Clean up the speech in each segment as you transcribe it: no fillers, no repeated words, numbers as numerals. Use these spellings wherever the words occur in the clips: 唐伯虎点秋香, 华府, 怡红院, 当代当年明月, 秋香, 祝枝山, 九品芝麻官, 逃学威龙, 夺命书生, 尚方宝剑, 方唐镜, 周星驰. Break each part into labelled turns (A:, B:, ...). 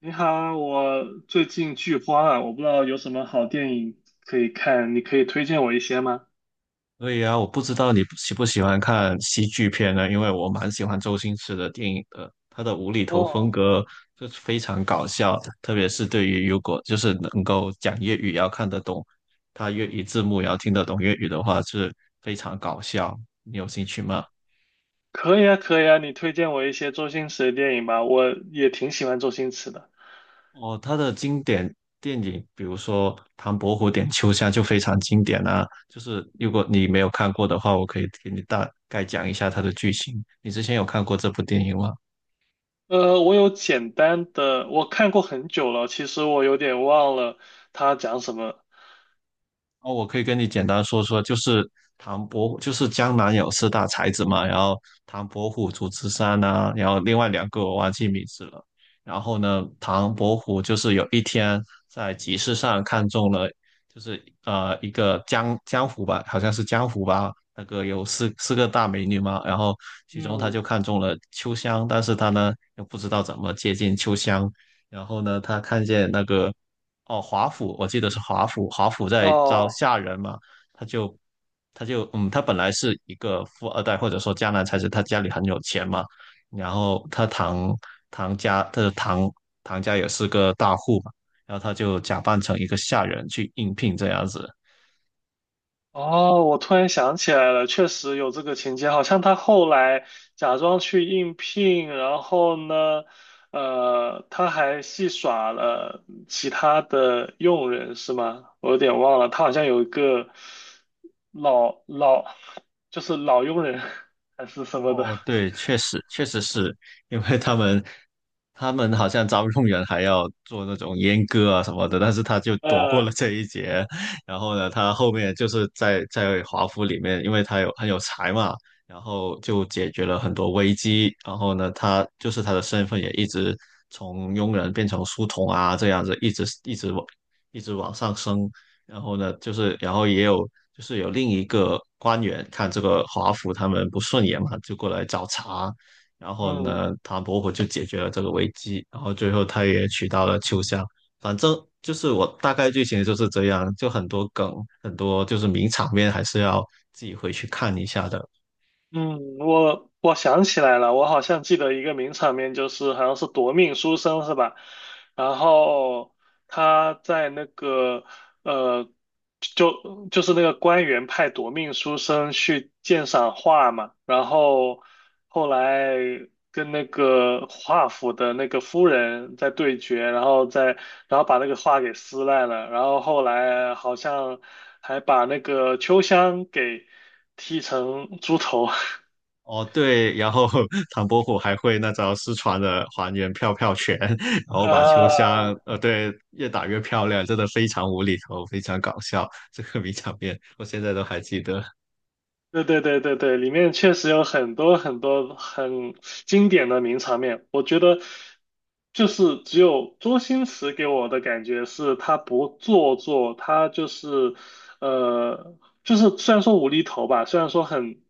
A: 你好，我最近剧荒啊，我不知道有什么好电影可以看，你可以推荐我一些吗？
B: 对呀，我不知道你喜不喜欢看喜剧片呢？因为我蛮喜欢周星驰的电影的，他的无厘头风
A: 哦，
B: 格就是非常搞笑，特别是对于如果就是能够讲粤语要看得懂，他粤语字幕也要听得懂粤语的话，是非常搞笑。你有兴趣吗？
A: 可以啊，可以啊，你推荐我一些周星驰的电影吧，我也挺喜欢周星驰的。
B: 哦，他的经典电影，比如说《唐伯虎点秋香》就非常经典啊。就是如果你没有看过的话，我可以给你大概讲一下它的剧情。你之前有看过这部电影吗？
A: 我有简单的，我看过很久了，其实我有点忘了他讲什么。
B: 哦，我可以跟你简单说说，就是唐伯虎，就是江南有四大才子嘛，然后唐伯虎、祝枝山呐、然后另外两个我忘记名字了。然后呢，唐伯虎就是有一天在集市上看中了，就是一个江湖吧，好像是江湖吧，那个有四个大美女嘛，然后其中他
A: 嗯，
B: 就看中了秋香，但是他呢又不知道怎么接近秋香，然后呢他看见那个哦，华府，我记得是华府，华府在招
A: 哦，
B: 下人嘛，他就他就嗯，他本来是一个富二代，或者说江南才子，他家里很有钱嘛，然后他堂家，他的堂家也是个大户嘛，然后他就假扮成一个下人去应聘这样子，
A: 哦，我突然想起来了，确实有这个情节，好像他后来假装去应聘，然后呢，他还戏耍了其他的佣人，是吗？我有点忘了，他好像有一个老老，就是老佣人 还是什么的，
B: 哦，对，确实是因为他们好像招佣人还要做那种阉割啊什么的，但是他就躲过
A: 呃，
B: 了这一劫。然后呢，他后面就是在华府里面，因为他有很有才嘛，然后就解决了很多危机。然后呢，他就是他的身份也一直从佣人变成书童啊，这样子一直往上升。然后呢，就是然后也有就是有另一个官员看这个华府他们不顺眼嘛，就过来找茬。然后
A: 嗯。
B: 呢，唐伯虎就解决了这个危机，然后最后他也娶到了秋香。反正就是我大概剧情就是这样，就很多梗，很多就是名场面还是要自己回去看一下的。
A: 嗯，我想起来了，我好像记得一个名场面，就是好像是夺命书生是吧？然后他在那个呃，就是那个官员派夺命书生去鉴赏画嘛，然后后来跟那个画府的那个夫人在对决，然后把那个画给撕烂了，然后后来好像还把那个秋香给，剃成猪头，
B: 哦，对，然后 唐伯虎还会那招失传的还原票票拳，然后把秋香，
A: 呃，
B: 对，越打越漂亮，真的非常无厘头，非常搞笑，这个名场面我现在都还记得。
A: 对对对对对，里面确实有很多很多很经典的名场面。我觉得，就是只有周星驰给我的感觉是他不做作，他就是呃，虽然说无厘头吧，虽然说很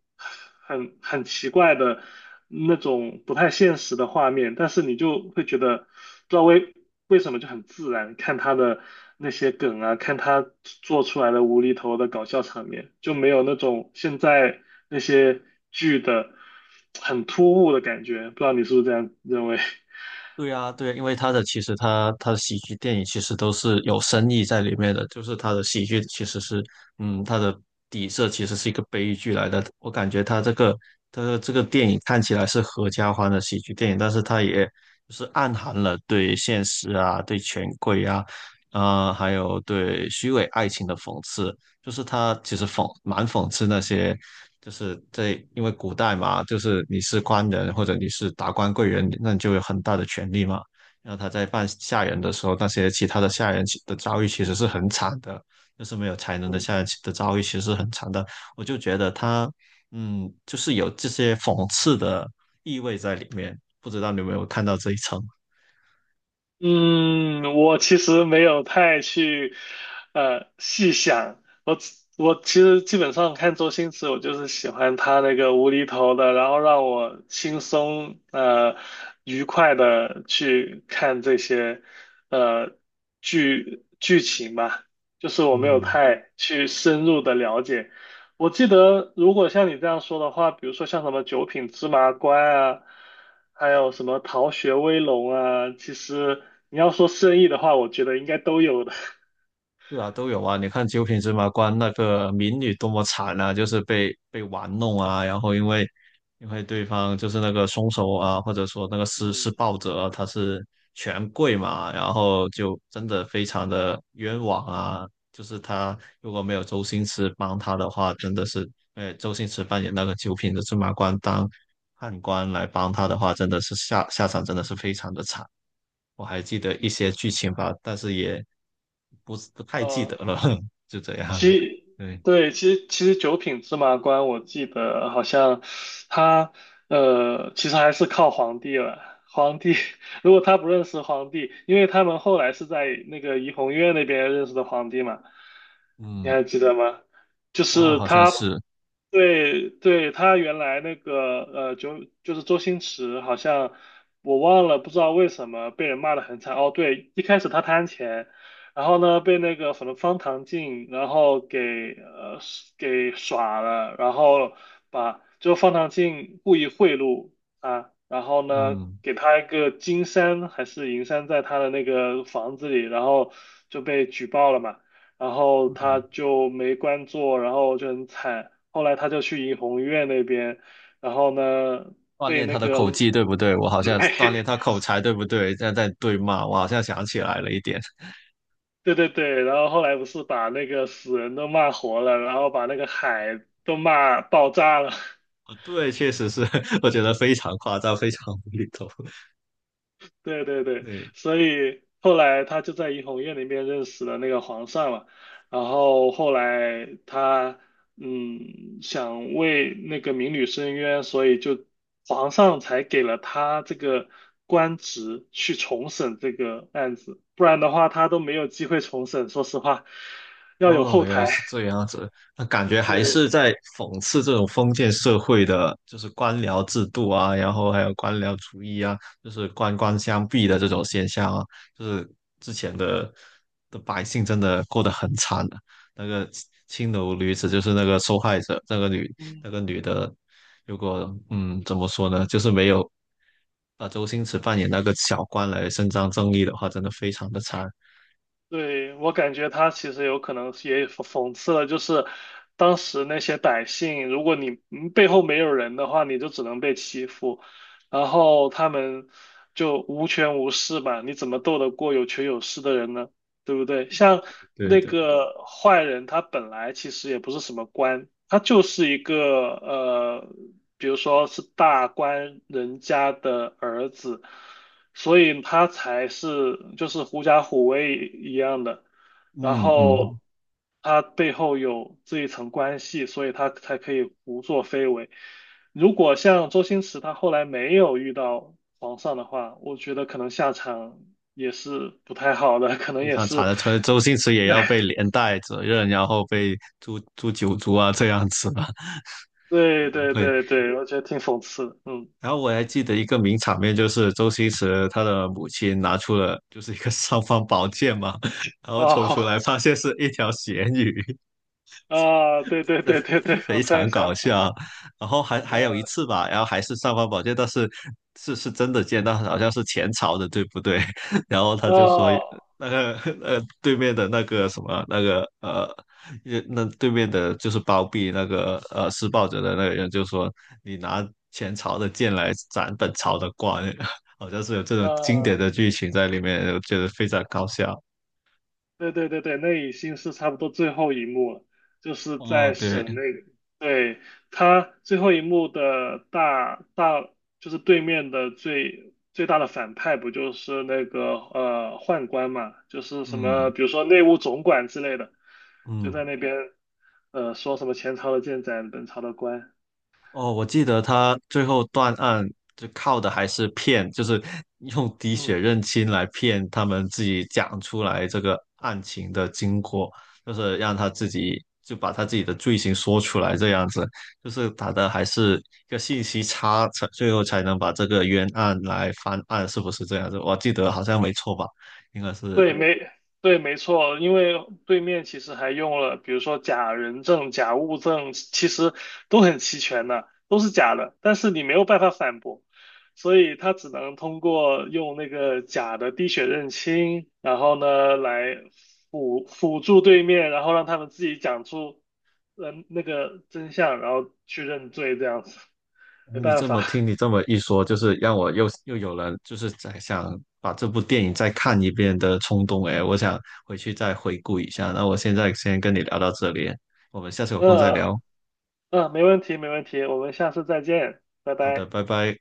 A: 很很奇怪的那种不太现实的画面，但是你就会觉得不知道为什么就很自然，看他的那些梗啊，看他做出来的无厘头的搞笑场面，就没有那种现在那些剧的很突兀的感觉，不知道你是不是这样认为？
B: 对啊，对啊，因为他的其实他的喜剧电影其实都是有深意在里面的，就是他的喜剧其实是，他的底色其实是一个悲剧来的。我感觉他的这个电影看起来是合家欢的喜剧电影，但是他也就是暗含了对现实啊、对权贵啊、还有对虚伪爱情的讽刺。就是他其实蛮讽刺那些，就是在因为古代嘛，就是你是官人或者你是达官贵人，那你就有很大的权利嘛。然后他在办下人的时候，那些其他的下人其的遭遇其实是很惨的，就是没有才能的
A: 嗯。
B: 下人其的遭遇其实是很惨的。我就觉得他，就是有这些讽刺的意味在里面，不知道你有没有看到这一层？
A: 嗯，我其实没有太去细想，我其实基本上看周星驰，我就是喜欢他那个无厘头的，然后让我轻松愉快的去看这些呃剧情吧，就是我没有
B: 嗯。
A: 太去深入的了解。我记得，如果像你这样说的话，比如说像什么九品芝麻官啊，还有什么逃学威龙啊，其实你要说生意的话，我觉得应该都有的。
B: 是啊，都有啊。你看《九品芝麻官》那个民女多么惨啊，就是被玩弄啊，然后因为对方就是那个凶手啊，或者说那个 施
A: 嗯，
B: 暴者啊他是权贵嘛，然后就真的非常的冤枉啊。就是他如果没有周星驰帮他的话，真的是，周星驰扮演那个九品的芝麻官当判官来帮他的话，真的是下场真的是非常的惨。我还记得一些剧情吧，但是也不是不太记得
A: 呃
B: 了，就这 样。
A: 其
B: 对，
A: 对，其实九品芝麻官，我记得好像他其实还是靠皇帝了。皇帝 如果他不认识皇帝，因为他们后来是在那个怡红院那边认识的皇帝嘛，你
B: 嗯，
A: 还记得吗？就
B: 哦，
A: 是
B: 好像
A: 他
B: 是，
A: 对对，他原来那个就是周星驰，好像我忘了，不知道为什么被人骂得很惨。哦，对，一开始他贪钱，然后呢被那个什么方唐镜，然后给呃耍了，然后把就方唐镜故意贿赂啊，然后呢
B: 嗯
A: 给他一个金山还是银山在他的那个房子里，然后就被举报了嘛。然后他
B: 嗯，
A: 就没官做，然后就很惨。后来他就去怡红院那边，然后呢，
B: 锻
A: 被
B: 炼
A: 那
B: 他的
A: 个，
B: 口技，对不对？我好像锻炼他 口才，对不对？现在在对骂，我好像想起来了一点。
A: 对对对，然后后来不是把那个死人都骂活了，然后把那个海都骂爆炸了。
B: 对，确实是，我觉得非常夸张，非常无厘头。
A: 对对对，
B: 对，
A: 所以后来他就在怡红院里面认识了那个皇上嘛，然后后来他想为那个民女申冤，所以就皇上才给了他这个官职去重审这个案子，不然的话他都没有机会重审，说实话，要有
B: 哦，
A: 后
B: 原来
A: 台。
B: 是这 样子，那感觉还
A: 对，
B: 是在讽刺这种封建社会的，就是官僚制度啊，然后还有官僚主义啊，就是官官相逼的这种现象啊，就是之前的百姓真的过得很惨的、那个青楼女子就是那个受害者，那
A: 嗯。
B: 个女的，如果怎么说呢，就是没有把周星驰扮演那个小官来伸张正义的话，真的非常的惨。
A: 对，我感觉他其实有可能是也讽刺了，就是当时那些百姓，如果你背后没有人的话，你就只能被欺负，然后他们就无权无势吧，你怎么斗得过有权有势的人呢？对不对？像
B: 对
A: 那
B: 对，
A: 个坏人，他本来其实也不是什么官，他就是一个比如说是大官人家的儿子。所以他才是就是狐假虎威一样的，然
B: 嗯嗯，
A: 后他背后有这一层关系，所以他才可以胡作非为。如果像周星驰他后来没有遇到皇上的话，我觉得可能下场也是不太好的，可能
B: 非
A: 也
B: 常惨
A: 是，
B: 的，可能周星驰也要被连带责任，然后被诛九族啊这样子吧，可
A: 对
B: 能
A: 对
B: 会。
A: 对对，我觉得挺讽刺的
B: 然后我还记得一个名场面，就是周星驰他的母亲拿出了就是一个尚方宝剑嘛，然后抽出
A: 哦
B: 来发现是一条咸鱼，
A: 啊，对对
B: 真
A: 对对对，
B: 的
A: 我
B: 非
A: 突然
B: 常搞
A: 想起来，
B: 笑。然后还有一
A: 呃，
B: 次吧，然后还是尚方宝剑，但是是真的见到，好像是前朝的，对不对？然后他就说
A: 哦，
B: 那个对面的那个什么那个。也那对面的就是包庇那个施暴者的那个人，就说你拿前朝的剑来斩本朝的官，好像是有这种经典
A: 呃。
B: 的剧情在里面，我觉得非常搞笑。
A: 对对对对，那已经是差不多最后一幕了，就是
B: 哦，
A: 在
B: 对，
A: 省内。对，他最后一幕的就是对面的最大的反派，不就是那个宦官嘛？就是什么，
B: 嗯
A: 比如说内务总管之类的，就
B: 嗯。
A: 在那边说什么前朝的建盏，本朝的官。
B: 哦，我记得他最后断案就靠的还是骗，就是用滴血
A: 嗯。
B: 认亲来骗他们自己讲出来这个案情的经过，就是让他自己就把他自己的罪行说出来，这样子，就是打的还是一个信息差，才最后才能把这个冤案来翻案，是不是这样子？我记得好像没错吧，应该是。
A: 对，没错，因为对面其实还用了，比如说假人证、假物证，其实都很齐全的，都是假的，但是你没有办法反驳，所以他只能通过用那个假的滴血认亲，然后呢来辅助对面，然后让他们自己讲出那个真相，然后去认罪，这样子，没
B: 你
A: 办
B: 这
A: 法，
B: 么 听，你这么一说，就是让我又有了，就是在想把这部电影再看一遍的冲动。哎，我想回去再回顾一下。那我现在先跟你聊到这里，我们下次有空再
A: 嗯
B: 聊。
A: 嗯，没问题，没问题，我们下次再见，拜
B: 好的，
A: 拜。
B: 拜拜。